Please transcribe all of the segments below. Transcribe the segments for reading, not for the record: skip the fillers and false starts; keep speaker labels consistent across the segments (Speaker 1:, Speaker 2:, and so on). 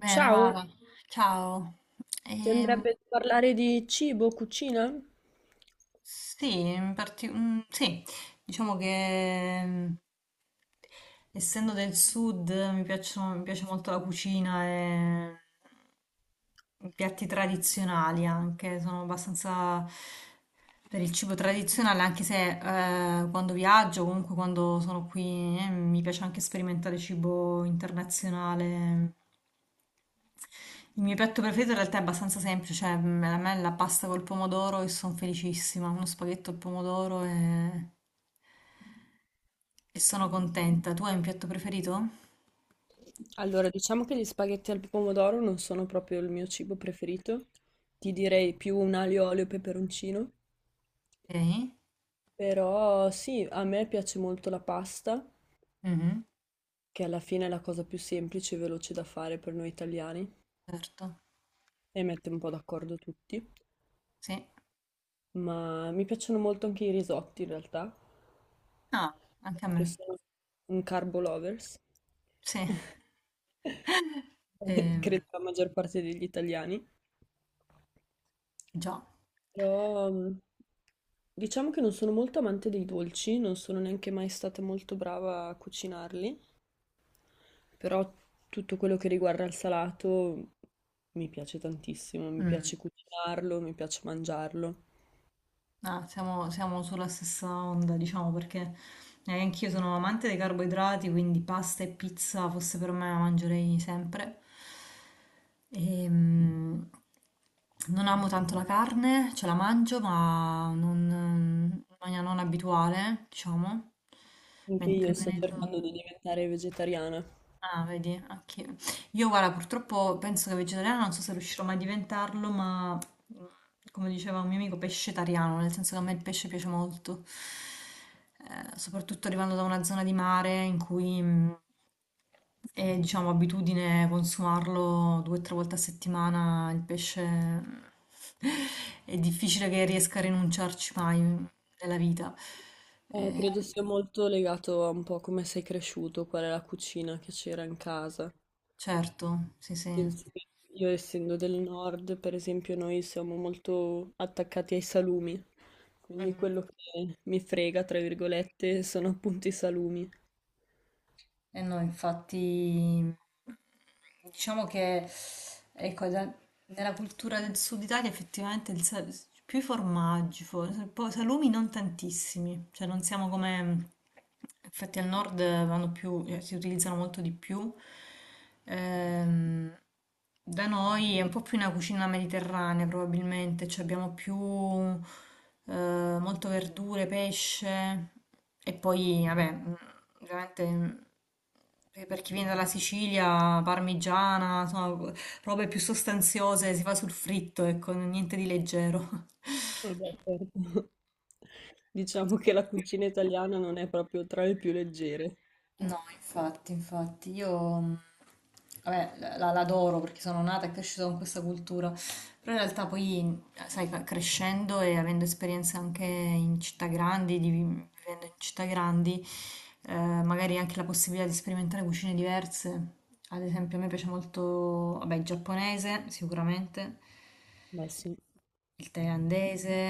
Speaker 1: Bene,
Speaker 2: Ciao,
Speaker 1: Mara, ciao.
Speaker 2: ti
Speaker 1: Ehm,
Speaker 2: andrebbe di parlare di cibo, cucina?
Speaker 1: sì, sì, diciamo che essendo del sud mi piace molto la cucina e i piatti tradizionali anche, sono abbastanza per il cibo tradizionale, anche se quando viaggio, comunque quando sono qui, mi piace anche sperimentare cibo internazionale. Il mio piatto preferito in realtà è abbastanza semplice, cioè a me è la pasta col pomodoro e sono felicissima, uno spaghetto al pomodoro e sono contenta. Tu hai un piatto preferito?
Speaker 2: Allora, diciamo che gli spaghetti al pomodoro non sono proprio il mio cibo preferito. Ti direi più un aglio, olio e peperoncino.
Speaker 1: Ok,
Speaker 2: Però sì, a me piace molto la pasta,
Speaker 1: mhm.
Speaker 2: che alla fine è la cosa più semplice e veloce da fare per noi italiani
Speaker 1: Certo,
Speaker 2: e mette un po' d'accordo tutti.
Speaker 1: sì.
Speaker 2: Ma mi piacciono molto anche i risotti in realtà,
Speaker 1: Ah, anche a
Speaker 2: perché
Speaker 1: me,
Speaker 2: sono un carbo lovers.
Speaker 1: sì. Ehm,
Speaker 2: Credo la maggior parte degli italiani.
Speaker 1: Già.
Speaker 2: Però Diciamo che non sono molto amante dei dolci, non sono neanche mai stata molto brava a cucinarli, però tutto quello che riguarda il salato mi piace tantissimo, mi
Speaker 1: Mm.
Speaker 2: piace cucinarlo, mi piace mangiarlo.
Speaker 1: Ah, siamo sulla stessa onda, diciamo, perché anch'io sono amante dei carboidrati, quindi pasta e pizza fosse per me la mangerei sempre. Ehm, Non amo tanto la carne, ce la mangio, ma non, in maniera non abituale, diciamo.
Speaker 2: Anche
Speaker 1: Mentre
Speaker 2: io sto cercando
Speaker 1: venendo...
Speaker 2: di diventare vegetariana.
Speaker 1: Ah, vedi, anche io, guarda, purtroppo penso che vegetariana non so se riuscirò mai a diventarlo, ma come diceva un mio amico, pescetariano, nel senso che a me il pesce piace molto. Soprattutto arrivando da una zona di mare in cui è, diciamo, abitudine consumarlo due o tre volte a settimana, il pesce è difficile che riesca a rinunciarci mai nella vita. Eh,
Speaker 2: Credo sia molto legato a un po' come sei cresciuto, qual è la cucina che c'era in casa.
Speaker 1: certo, sì, sì.
Speaker 2: Penso che io, essendo del nord, per esempio, noi siamo molto attaccati ai salumi, quindi quello che mi frega, tra virgolette, sono appunto i salumi.
Speaker 1: Eh no, infatti, diciamo che ecco, nella cultura del sud Italia effettivamente più i formaggi, poi salumi non tantissimi, cioè non siamo come, infatti al nord vanno più, si utilizzano molto di più. Ehm, Da noi è un po' più una cucina mediterranea, probabilmente, cioè abbiamo più molto verdure, pesce e poi, vabbè, veramente per chi viene dalla Sicilia, parmigiana, insomma, robe più sostanziose, si fa sul fritto, ecco, niente di leggero.
Speaker 2: Vabbè, certo. Diciamo che la cucina italiana non è proprio tra le più leggere.
Speaker 1: No, infatti, infatti, io vabbè, l'adoro perché sono nata e cresciuta con questa cultura, però in realtà poi, sai, crescendo e avendo esperienze anche in città grandi, vivendo in città grandi, eh, magari anche la possibilità di sperimentare cucine diverse. Ad esempio, a me piace molto, vabbè, il giapponese, sicuramente,
Speaker 2: Beh, sì.
Speaker 1: il thailandese.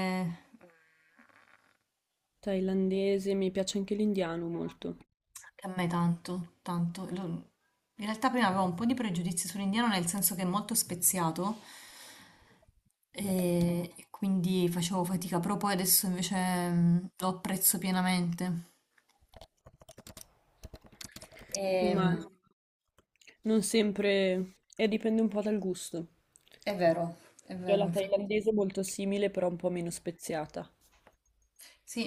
Speaker 2: Thailandese, mi piace anche l'indiano molto,
Speaker 1: Che a me tanto, tanto. In realtà prima avevo un po' di pregiudizi sull'indiano nel senso che è molto speziato e quindi facevo fatica, però poi adesso invece lo apprezzo pienamente. E,
Speaker 2: ma non sempre, e dipende un po' dal gusto.
Speaker 1: è vero, è
Speaker 2: Cioè
Speaker 1: vero,
Speaker 2: la
Speaker 1: infatti.
Speaker 2: thailandese è molto simile, però un po' meno speziata.
Speaker 1: Sì,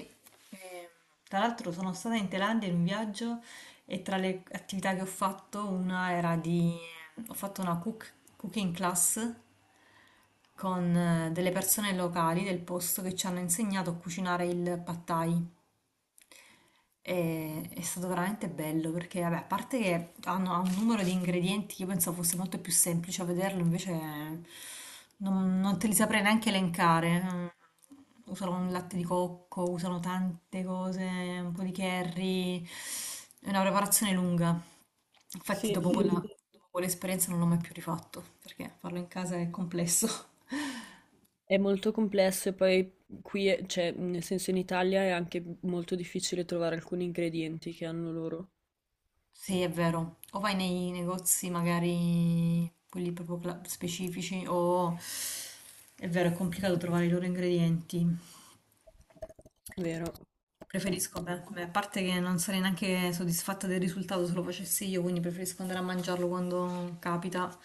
Speaker 1: ehm, tra l'altro sono stata in Thailandia in un viaggio e tra le attività che ho fatto una era di... ho fatto una cooking class con delle persone locali del posto che ci hanno insegnato a cucinare il pad thai. È stato veramente bello perché, vabbè, a parte che ha un numero di ingredienti che io pensavo fosse molto più semplice a vederlo, invece non te li saprei neanche elencare. Usano il latte di cocco, usano tante cose, un po' di curry, è una preparazione lunga. Infatti,
Speaker 2: Sì, sì, sì.
Speaker 1: dopo quell'esperienza non l'ho mai più rifatto perché farlo in casa è complesso.
Speaker 2: È molto complesso e poi qui, è- cioè, nel senso in Italia è anche molto difficile trovare alcuni ingredienti che hanno loro,
Speaker 1: Sì, è vero. O vai nei negozi magari quelli proprio specifici o è vero, è complicato trovare i loro ingredienti.
Speaker 2: vero?
Speaker 1: Preferisco, beh, a parte che non sarei neanche soddisfatta del risultato se lo facessi io, quindi preferisco andare a mangiarlo quando capita.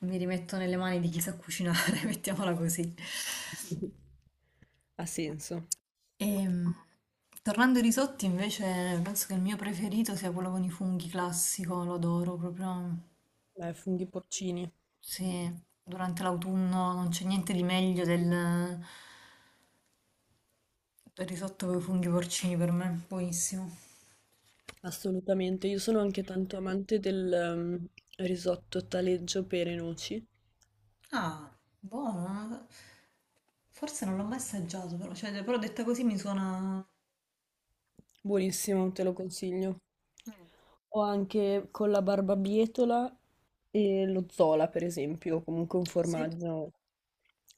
Speaker 1: Mi rimetto nelle mani di chi sa cucinare, mettiamola così.
Speaker 2: Ha senso.
Speaker 1: Ehm, Tornando ai risotti, invece, penso che il mio preferito sia quello con i funghi classico, lo adoro proprio.
Speaker 2: Beh, funghi porcini,
Speaker 1: Sì, durante l'autunno non c'è niente di meglio del risotto con i funghi porcini per me, buonissimo.
Speaker 2: assolutamente. Io sono anche tanto amante del risotto taleggio pere e noci.
Speaker 1: Ah, buono. Forse non l'ho mai assaggiato, però, cioè, però detta così mi suona...
Speaker 2: Buonissimo, te lo consiglio. Ho anche con la barbabietola e lo zola, per esempio, o comunque un
Speaker 1: Sì?
Speaker 2: formaggio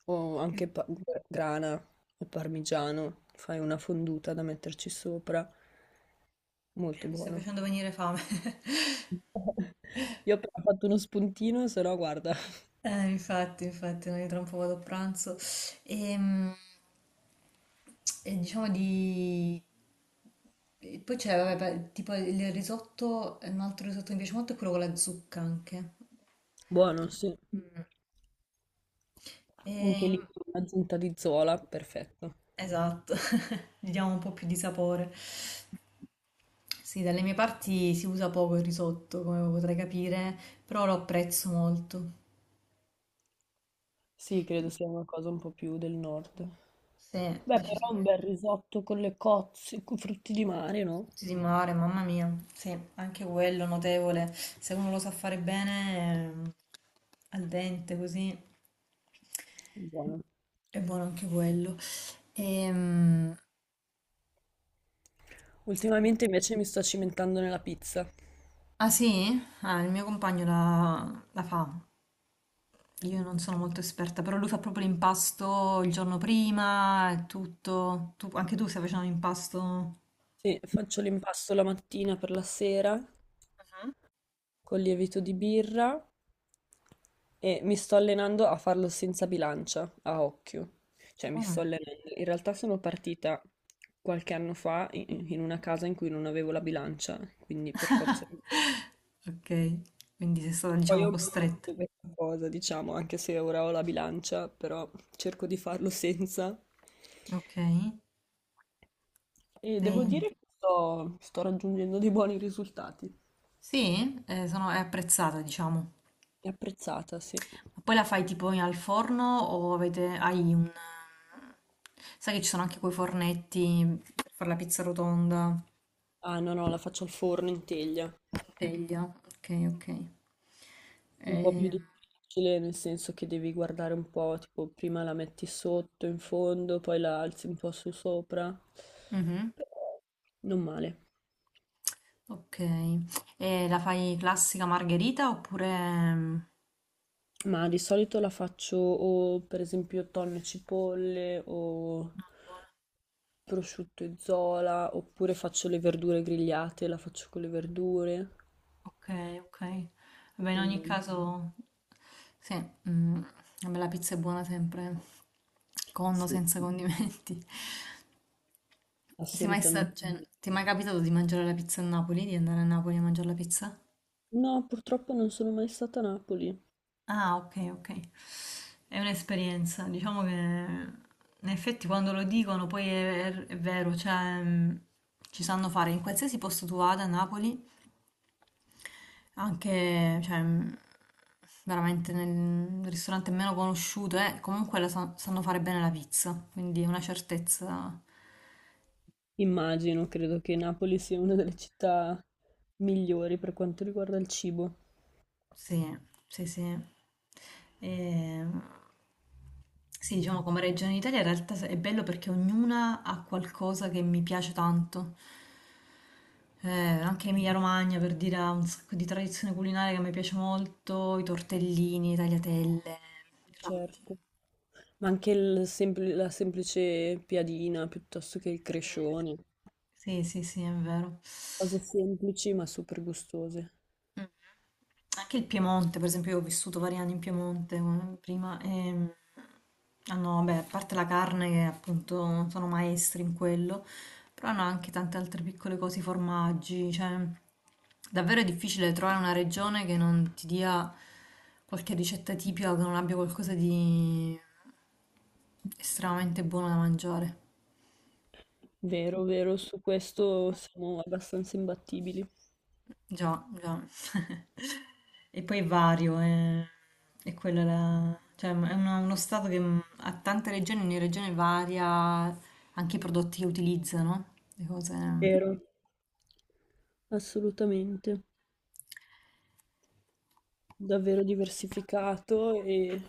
Speaker 2: o
Speaker 1: Mi
Speaker 2: anche pa- grana o parmigiano, fai una fonduta da metterci sopra, molto
Speaker 1: sta
Speaker 2: buono.
Speaker 1: facendo venire fame.
Speaker 2: Io ho appena fatto uno spuntino, se no guarda,
Speaker 1: Infatti, infatti, noi tra un po' vado a pranzo. Ehm, E, diciamo di... e poi c'è, vabbè, beh, tipo il risotto, un altro risotto che mi piace molto è quello con la zucca anche.
Speaker 2: buono, sì. Anche
Speaker 1: E-
Speaker 2: lì con un'aggiunta di zola, perfetto.
Speaker 1: Esatto, gli diamo un po' più di sapore. Sì, dalle mie parti si usa poco il risotto, come potrai capire, però lo apprezzo molto.
Speaker 2: Sì, credo sia una cosa un po' più del nord.
Speaker 1: Sì,
Speaker 2: Beh, però un
Speaker 1: decisamente.
Speaker 2: bel risotto con le cozze, con frutti di mare, no?
Speaker 1: Frutti di mare, mamma mia. Sì, anche quello notevole. Se uno lo sa fare bene, al dente così,
Speaker 2: Buono.
Speaker 1: è buono anche quello. Ehm,
Speaker 2: Ultimamente invece mi sto cimentando nella pizza.
Speaker 1: Ah sì? Ah, il mio compagno la fa. Io non sono molto esperta, però lui fa proprio l'impasto il giorno prima e tutto. Anche tu stai facendo l'impasto?
Speaker 2: Sì, faccio l'impasto la mattina per la sera con lievito di birra e mi sto allenando a farlo senza bilancia, a occhio. Cioè mi
Speaker 1: Mamma
Speaker 2: sto
Speaker 1: mia.
Speaker 2: allenando. In realtà sono partita qualche anno fa in una casa in cui non avevo la bilancia, quindi per forza... di- cose.
Speaker 1: Ok, quindi sei stata,
Speaker 2: Poi
Speaker 1: diciamo,
Speaker 2: ho
Speaker 1: costretta.
Speaker 2: mantenuto questa cosa, diciamo, anche se ora ho la bilancia, però cerco di farlo senza.
Speaker 1: Ok, mm.
Speaker 2: E devo
Speaker 1: ehm,
Speaker 2: dire che sto raggiungendo dei buoni risultati.
Speaker 1: sì, è apprezzata, diciamo.
Speaker 2: È apprezzata, sì.
Speaker 1: Ma poi la fai tipo al forno o avete, hai un... Sai che ci sono anche quei fornetti per fare la pizza rotonda,
Speaker 2: Ah, no, no, la faccio al forno in teglia.
Speaker 1: in teglia. Ok, ok.
Speaker 2: Un po' più
Speaker 1: Eh,
Speaker 2: difficile, nel senso che devi guardare un po', tipo, prima la metti sotto, in fondo, poi la alzi un po' su sopra.
Speaker 1: Mm. Mhm,
Speaker 2: Però non male.
Speaker 1: ok. E la fai classica margherita oppure... mm,
Speaker 2: Ma di solito la faccio o per esempio tonno e cipolle o
Speaker 1: no, buona.
Speaker 2: prosciutto e zola, oppure faccio le verdure grigliate, la faccio con le verdure.
Speaker 1: Okay, okay. Vabbè, in ogni
Speaker 2: Dipende.
Speaker 1: caso, sì, mm, vabbè, la pizza è buona sempre, con o
Speaker 2: Sì,
Speaker 1: senza condimenti. Sei mai sta-
Speaker 2: assolutamente.
Speaker 1: Cioè,
Speaker 2: Sì.
Speaker 1: ti è mai capitato di mangiare la pizza a Napoli, di andare a Napoli a mangiare la pizza?
Speaker 2: No, purtroppo non sono mai stata a Napoli.
Speaker 1: Ah, ok, ok. È un'esperienza, diciamo che in effetti quando lo dicono poi è vero, cioè ci sanno fare in qualsiasi posto tu vada a Napoli. Anche, cioè, veramente nel ristorante meno conosciuto, comunque la sanno fare bene la pizza, quindi è una certezza.
Speaker 2: Immagino, credo che Napoli sia una delle città migliori per quanto riguarda il cibo,
Speaker 1: Sì, sì, sì. E, sì, diciamo come regione d'Italia in realtà è bello perché ognuna ha qualcosa che mi piace tanto. Eh, Anche Emilia-Romagna per dire ha un sacco di tradizione culinaria che mi piace molto, i tortellini, i tagliatelle, il ragù.
Speaker 2: certo. Ma anche il sempl- la semplice piadina piuttosto che il
Speaker 1: Sì.
Speaker 2: crescione,
Speaker 1: Sì, sì, sì, è vero.
Speaker 2: cose semplici ma super gustose.
Speaker 1: Mh. Anche il Piemonte, per esempio, io ho vissuto vari anni in Piemonte prima e hanno, vabbè, a parte la carne che appunto sono maestri in quello, però hanno anche tante altre piccole cose, i formaggi, cioè davvero è difficile trovare una regione che non ti dia qualche ricetta tipica, che non abbia qualcosa di estremamente buono da mangiare.
Speaker 2: Vero, vero, su questo siamo abbastanza imbattibili.
Speaker 1: Già, già. E poi è vario, è quella, cioè, uno stato che ha tante regioni, ogni regione varia anche i prodotti che utilizzano, le cose...
Speaker 2: Vero, assolutamente. Davvero diversificato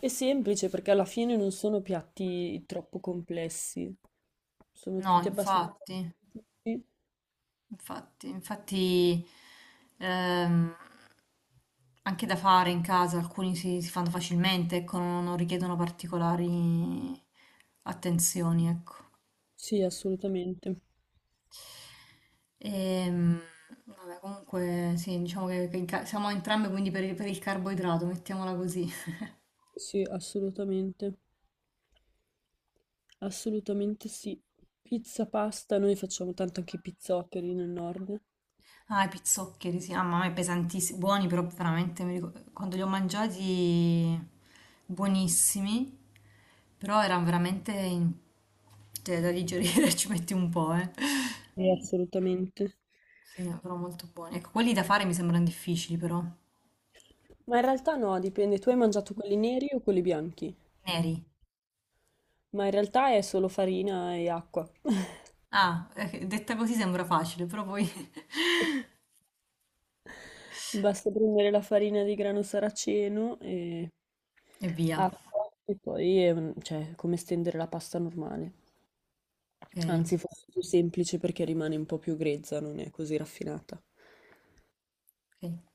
Speaker 2: e semplice perché alla fine non sono piatti troppo complessi, sono
Speaker 1: No,
Speaker 2: tutti abbastanza
Speaker 1: infatti,
Speaker 2: semplici.
Speaker 1: infatti, infatti ehm, anche da fare in casa, alcuni si fanno facilmente, ecco, non richiedono particolari attenzioni, ecco.
Speaker 2: Sì, assolutamente.
Speaker 1: Ehm, Vabbè, comunque sì, diciamo che siamo entrambe quindi per il carboidrato, mettiamola così.
Speaker 2: Sì, assolutamente. Assolutamente sì. Pizza, pasta, noi facciamo tanto anche i pizzoccheri nel nord.
Speaker 1: Ah, i pizzoccheri, sì, ah, mamma mia, pesantissimi, buoni però veramente, quando li ho mangiati buonissimi, però erano veramente cioè, da digerire, ci metti un po', eh.
Speaker 2: Sì, assolutamente.
Speaker 1: Sì, però molto buoni. Ecco, quelli da fare mi sembrano difficili però,
Speaker 2: Ma in realtà no, dipende, tu hai mangiato quelli neri o quelli bianchi?
Speaker 1: neri.
Speaker 2: Ma in realtà è solo farina e acqua.
Speaker 1: Ah, detta così sembra facile, però poi...
Speaker 2: Basta prendere la farina di grano saraceno e
Speaker 1: E via.
Speaker 2: acqua e poi è un- cioè, come stendere la pasta normale.
Speaker 1: Ok,
Speaker 2: Anzi, forse è più semplice perché rimane un po' più grezza, non è così raffinata.
Speaker 1: ok.